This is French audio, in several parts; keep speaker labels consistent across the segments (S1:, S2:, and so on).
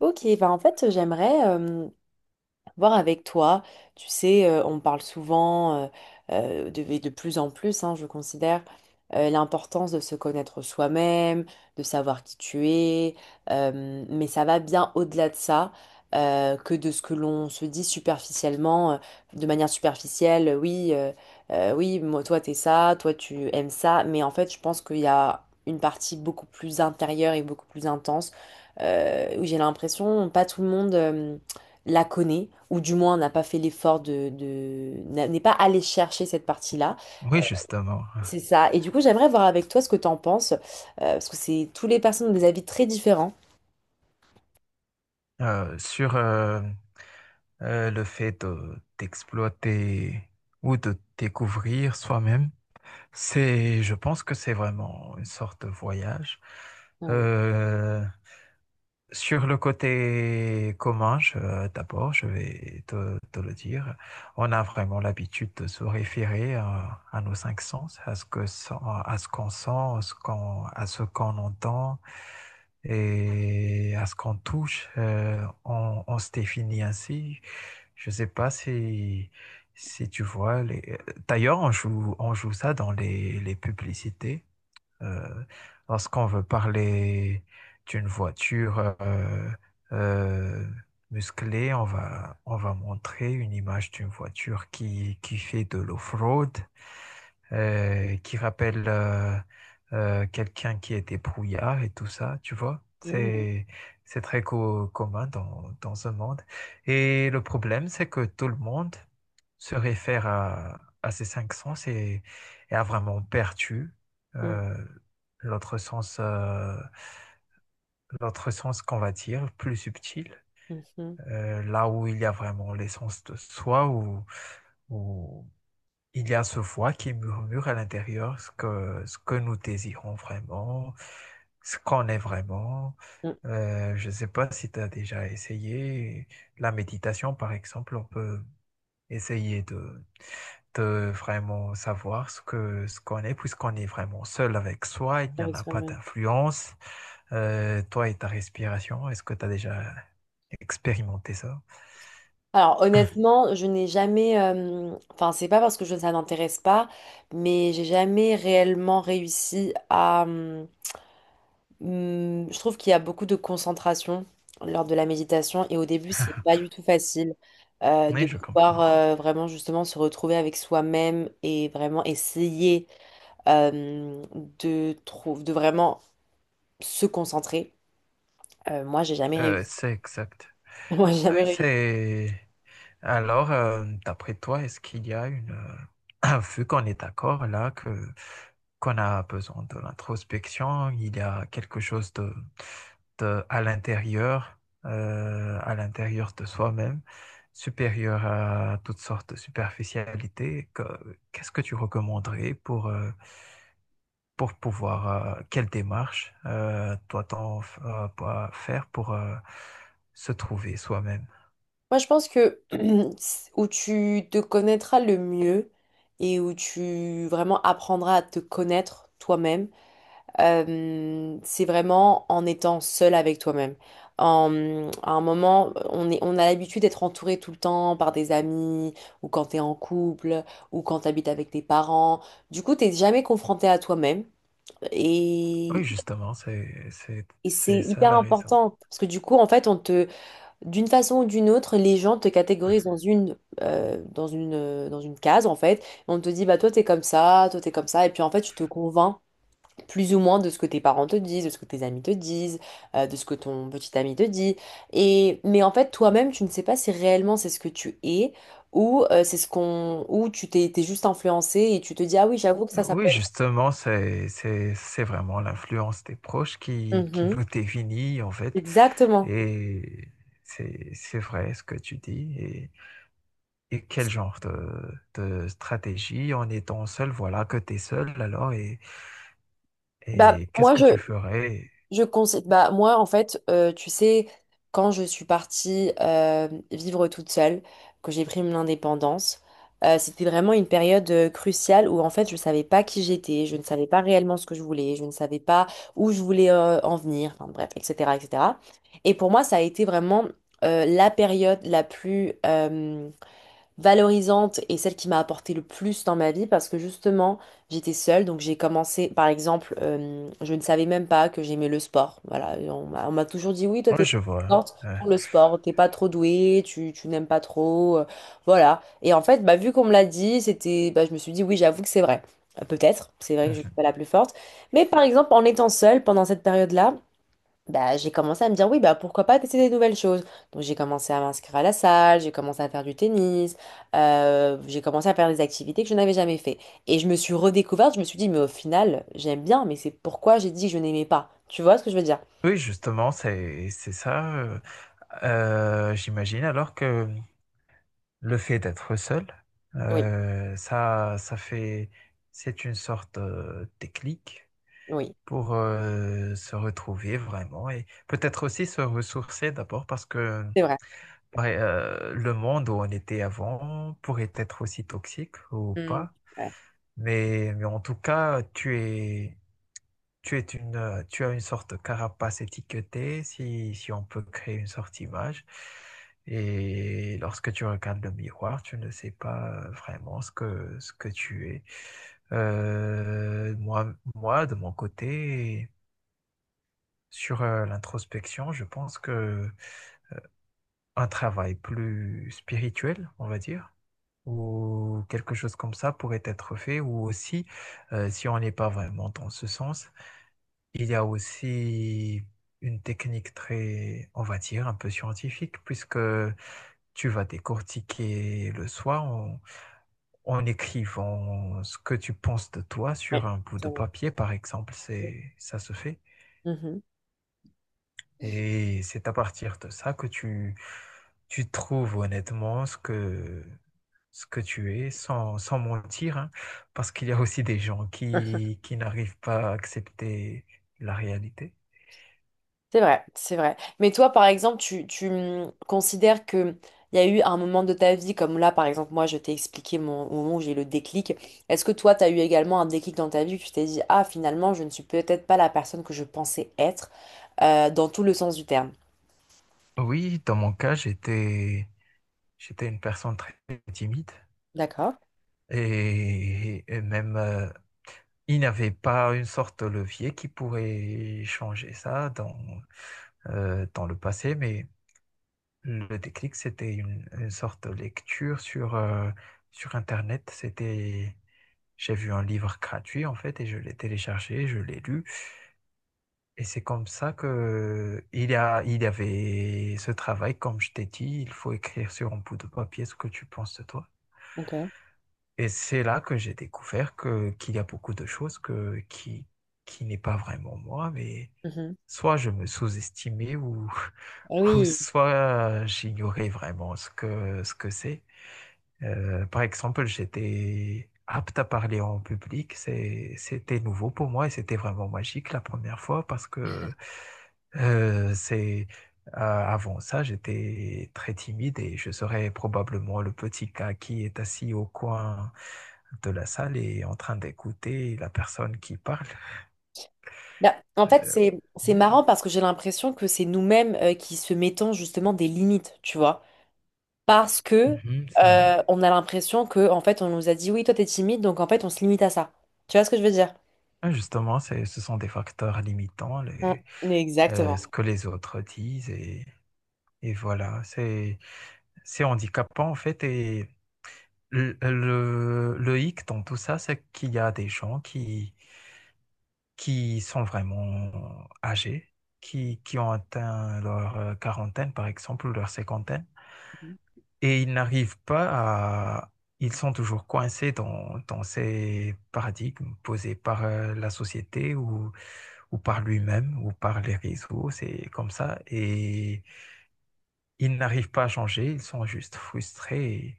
S1: Ok, bah en fait, j'aimerais voir avec toi. Tu sais, on parle souvent, et de plus en plus, hein, je considère, l'importance de se connaître soi-même, de savoir qui tu es, mais ça va bien au-delà de ça, que de ce que l'on se dit superficiellement, de manière superficielle, oui, oui, moi, toi t'es ça, toi tu aimes ça, mais en fait je pense qu'il y a une partie beaucoup plus intérieure et beaucoup plus intense, où j'ai l'impression, pas tout le monde la connaît, ou du moins n'a pas fait l'effort de- n'a- n'est pas allé chercher cette partie-là.
S2: Oui, justement.
S1: C'est ça. Et du coup, j'aimerais voir avec toi ce que t'en penses, parce que c'est tous les personnes ont des avis très différents.
S2: Sur le d'exploiter ou de découvrir soi-même, c'est, je pense que c'est vraiment une sorte de voyage.
S1: Ah oui.
S2: Euh, Sur le côté commun, d'abord, je vais te le dire, on a vraiment l'habitude de se référer à nos cinq sens, à ce qu'on sent, à ce qu'on entend et à ce qu'on touche. On se définit ainsi. Je ne sais pas si tu vois. D'ailleurs, on joue ça dans les publicités. Euh, Lorsqu'on veut parler d'une voiture euh, musclée, on va montrer une image d'une voiture qui fait de l'off-road, qui rappelle quelqu'un qui est débrouillard et tout ça, tu vois.
S1: Mhm.
S2: C'est très commun dans ce monde. Et le problème, c'est que tout le monde se réfère à ces cinq sens et a vraiment perdu euh, l'autre sens, euh, l'autre sens qu'on va dire, plus subtil,
S1: Mhm. Mhm.
S2: là où il y a vraiment l'essence de soi, où il y a ce voix qui murmure à l'intérieur ce que nous désirons vraiment, ce qu'on est vraiment.
S1: Mhm.
S2: Je ne sais pas si tu as déjà essayé la méditation, par exemple, on peut essayer de vraiment savoir ce qu'on est, puisqu'on est vraiment seul avec soi, il n'y en
S1: Avec
S2: a pas
S1: soi-même.
S2: d'influence. Toi et ta respiration, est-ce que tu as déjà expérimenté ça?
S1: Alors honnêtement, je n'ai jamais, enfin c'est pas parce que je, ça n'intéresse pas, mais j'ai jamais réellement réussi je trouve qu'il y a beaucoup de concentration lors de la méditation et au début, c'est pas du tout facile de
S2: Oui, je
S1: pouvoir
S2: comprends.
S1: vraiment justement se retrouver avec soi-même et vraiment essayer euh, de vraiment se concentrer. Moi, j'ai jamais réussi.
S2: C'est exact.
S1: Moi, j'ai jamais
S2: Oui,
S1: réussi.
S2: c'est... Alors, d'après toi, est-ce qu'il y a Vu qu'on est d'accord là que qu'on a besoin de l'introspection, il y a quelque chose de- à l'intérieur, à l'intérieur de soi-même, supérieur à toutes sortes de superficialités. Qu'est-ce que tu recommanderais pour pouvoir, quelle démarche doit-on pas faire pour se trouver soi-même?
S1: Moi, je pense que c'est où tu te connaîtras le mieux et où tu vraiment apprendras à te connaître toi-même. C'est vraiment en étant seul avec toi-même. En, à un moment, on a l'habitude d'être entouré tout le temps par des amis, ou quand t'es en couple, ou quand t'habites avec tes parents. Du coup, t'es jamais confronté à toi-même.
S2: Oui,
S1: Et,
S2: justement,
S1: et c'est
S2: c'est ça
S1: hyper
S2: la raison.
S1: important parce que du coup, en fait, on te, d'une façon ou d'une autre, les gens te catégorisent dans dans une case, en fait. On te dit, bah, toi, t'es comme ça, toi, t'es comme ça. Et puis, en fait, tu te convaincs plus ou moins de ce que tes parents te disent, de ce que tes amis te disent, de ce que ton petit ami te dit. Et mais en fait, toi-même, tu ne sais pas si réellement c'est ce que tu es ou c'est ce qu'on ou tu t'es juste influencé et tu te dis ah oui, j'avoue que ça peut
S2: Oui,
S1: être.
S2: justement, c'est vraiment l'influence des proches qui
S1: Mhm.
S2: nous définit, en fait.
S1: Exactement.
S2: Et c'est vrai ce que tu dis. Et quel genre de stratégie en étant seul, voilà que tu es seul alors,
S1: Bah
S2: et qu'est-ce
S1: moi
S2: que tu ferais?
S1: je conseille, bah, moi, en fait, tu sais, quand je suis partie vivre toute seule, que j'ai pris mon indépendance, c'était vraiment une période cruciale où, en fait, je ne savais pas qui j'étais, je ne savais pas réellement ce que je voulais, je ne savais pas où je voulais en venir, enfin, bref, etc., etc. Et cetera. Et pour moi, ça a été vraiment la période la plus, valorisante et celle qui m'a apporté le plus dans ma vie parce que justement, j'étais seule. Donc j'ai commencé, par exemple, je ne savais même pas que j'aimais le sport. Voilà, et on m'a toujours dit, oui, toi,
S2: Oui,
S1: t'es pas
S2: je vois.
S1: forte pour le sport, t'es pas trop douée, tu n'aimes pas trop. Voilà. Et en fait, bah, vu qu'on me l'a dit, c'était, bah, je me suis dit, oui, j'avoue que c'est vrai. Peut-être, c'est vrai que je
S2: Ouais.
S1: suis pas la plus forte. Mais par exemple, en étant seule pendant cette période-là, bah, j'ai commencé à me dire, oui, bah, pourquoi pas tester des nouvelles choses. Donc, j'ai commencé à m'inscrire à la salle, j'ai commencé à faire du tennis, j'ai commencé à faire des activités que je n'avais jamais fait. Et je me suis redécouverte, je me suis dit, mais au final, j'aime bien, mais c'est pourquoi j'ai dit que je n'aimais pas. Tu vois ce que je veux dire?
S2: Oui, justement, c'est ça, j'imagine alors que le fait d'être seul,
S1: Oui,
S2: ça ça fait c'est une sorte, de déclic
S1: oui,
S2: pour, se retrouver vraiment et peut-être aussi se ressourcer d'abord parce que,
S1: c'est vrai.
S2: ouais, le monde où on était avant pourrait être aussi toxique ou
S1: Mm,
S2: pas,
S1: ouais,
S2: mais en tout cas, tu as une sorte de carapace étiquetée, si on peut créer une sorte image. Et lorsque tu regardes le miroir, tu ne sais pas vraiment ce que tu es. Moi, de mon côté, sur l'introspection, je pense que un travail plus spirituel, on va dire, ou quelque chose comme ça pourrait être fait, ou aussi, si on n'est pas vraiment dans ce sens, il y a aussi une technique très, on va dire, un peu scientifique, puisque tu vas décortiquer le soir en écrivant ce que tu penses de toi sur
S1: ouais,
S2: un bout
S1: c'est
S2: de
S1: vrai.
S2: papier, par exemple. C'est, ça se fait. Et c'est à partir de ça que tu trouves honnêtement ce que tu es, sans mentir, hein, parce qu'il y a aussi des gens
S1: Mhm.
S2: qui n'arrivent pas à accepter la réalité.
S1: C'est vrai, c'est vrai. Mais toi, par exemple, tu considères que il y a eu un moment de ta vie, comme là, par exemple, moi, je t'ai expliqué mon, au moment où j'ai eu le déclic. Est-ce que toi, tu as eu également un déclic dans ta vie que tu t'es dit, ah, finalement, je ne suis peut-être pas la personne que je pensais être, dans tout le sens du terme.
S2: Oui, dans mon cas, j'étais une personne très timide
S1: D'accord.
S2: et même il n'y avait pas une sorte de levier qui pourrait changer ça dans le passé, mais le déclic, c'était une sorte de lecture sur Internet. J'ai vu un livre gratuit en fait et je l'ai téléchargé, je l'ai lu. Et c'est comme ça que il y avait ce travail, comme je t'ai dit, il faut écrire sur un bout de papier ce que tu penses de toi.
S1: Ok.
S2: Et c'est là que j'ai découvert que qu'il y a beaucoup de choses que qui n'est pas vraiment moi, mais
S1: Mhm.
S2: soit je me sous-estimais ou
S1: Ah
S2: ou
S1: oui.
S2: soit j'ignorais vraiment ce que c'est. Par exemple, j'étais apte à parler en public. C'était nouveau pour moi et c'était vraiment magique la première fois parce que c'est avant ça, j'étais très timide et je serais probablement le petit gars qui est assis au coin de la salle et en train d'écouter la personne qui parle.
S1: Bah, en fait,
S2: Euh,
S1: c'est
S2: oui.
S1: marrant parce que j'ai l'impression que c'est nous-mêmes qui se mettons justement des limites, tu vois. Parce que
S2: Mhm, ça-
S1: on a l'impression que en fait on nous a dit oui toi t'es timide donc en fait on se limite à ça. Tu vois ce que je veux dire?
S2: ah, justement, ce sont des facteurs limitants,
S1: Mm,
S2: ce
S1: exactement.
S2: que les autres disent et voilà, c'est handicapant en fait et le hic dans tout ça, c'est qu'il y a des gens qui sont vraiment âgés, qui ont atteint leur quarantaine par exemple ou leur cinquantaine et ils n'arrivent pas. Ils sont toujours coincés dans ces paradigmes posés par la société ou par lui-même ou par les réseaux, c'est comme ça et ils n'arrivent pas à changer, ils sont juste frustrés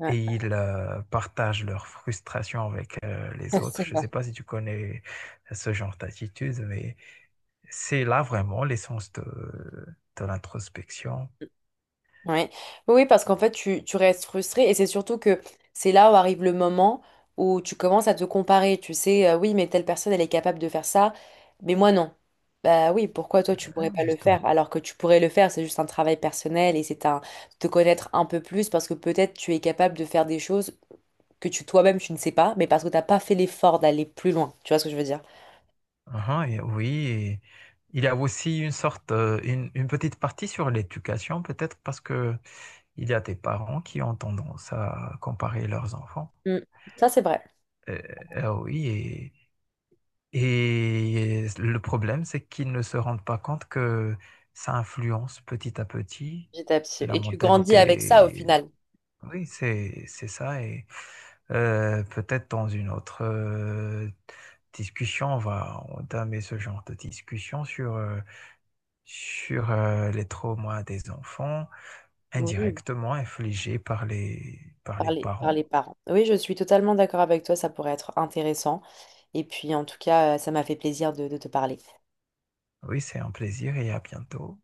S1: Ouais,
S2: et ils partagent leurs frustrations avec les autres.
S1: c'est
S2: Je ne
S1: vrai.
S2: sais pas si tu connais ce genre d'attitude, mais c'est là vraiment l'essence de l'introspection.
S1: Ouais. Oui, oui, parce qu'en fait, tu restes frustré et c'est surtout que c'est là où arrive le moment où tu commences à te comparer. Tu sais, oui, mais telle personne, elle est capable de faire ça, mais moi, non. Bah oui, pourquoi toi, tu pourrais
S2: Hein,
S1: pas le
S2: justement.
S1: faire alors que tu pourrais le faire? C'est juste un travail personnel et c'est un te connaître un peu plus parce que peut-être tu es capable de faire des choses que tu toi-même tu ne sais pas, mais parce que t'as pas fait l'effort d'aller plus loin. Tu vois ce que je veux dire?
S2: Uhum. Et oui, il y a aussi une petite partie sur l'éducation, peut-être parce que il y a des parents qui ont tendance à comparer leurs enfants.
S1: Mm. Ça, c'est vrai.
S2: Euh, oui. Et le problème, c'est qu'ils ne se rendent pas compte que ça influence petit à petit la
S1: Et tu grandis avec ça au
S2: mentalité.
S1: final.
S2: Oui, c'est ça. Et peut-être dans une autre discussion, on va entamer ce genre de discussion sur sur les traumas des enfants
S1: Oui.
S2: indirectement infligés par
S1: Par
S2: les
S1: les, par
S2: parents.
S1: les parents. Oui, je suis totalement d'accord avec toi, ça pourrait être intéressant. Et puis, en tout cas, ça m'a fait plaisir de te parler.
S2: Oui, c'est un plaisir et à bientôt.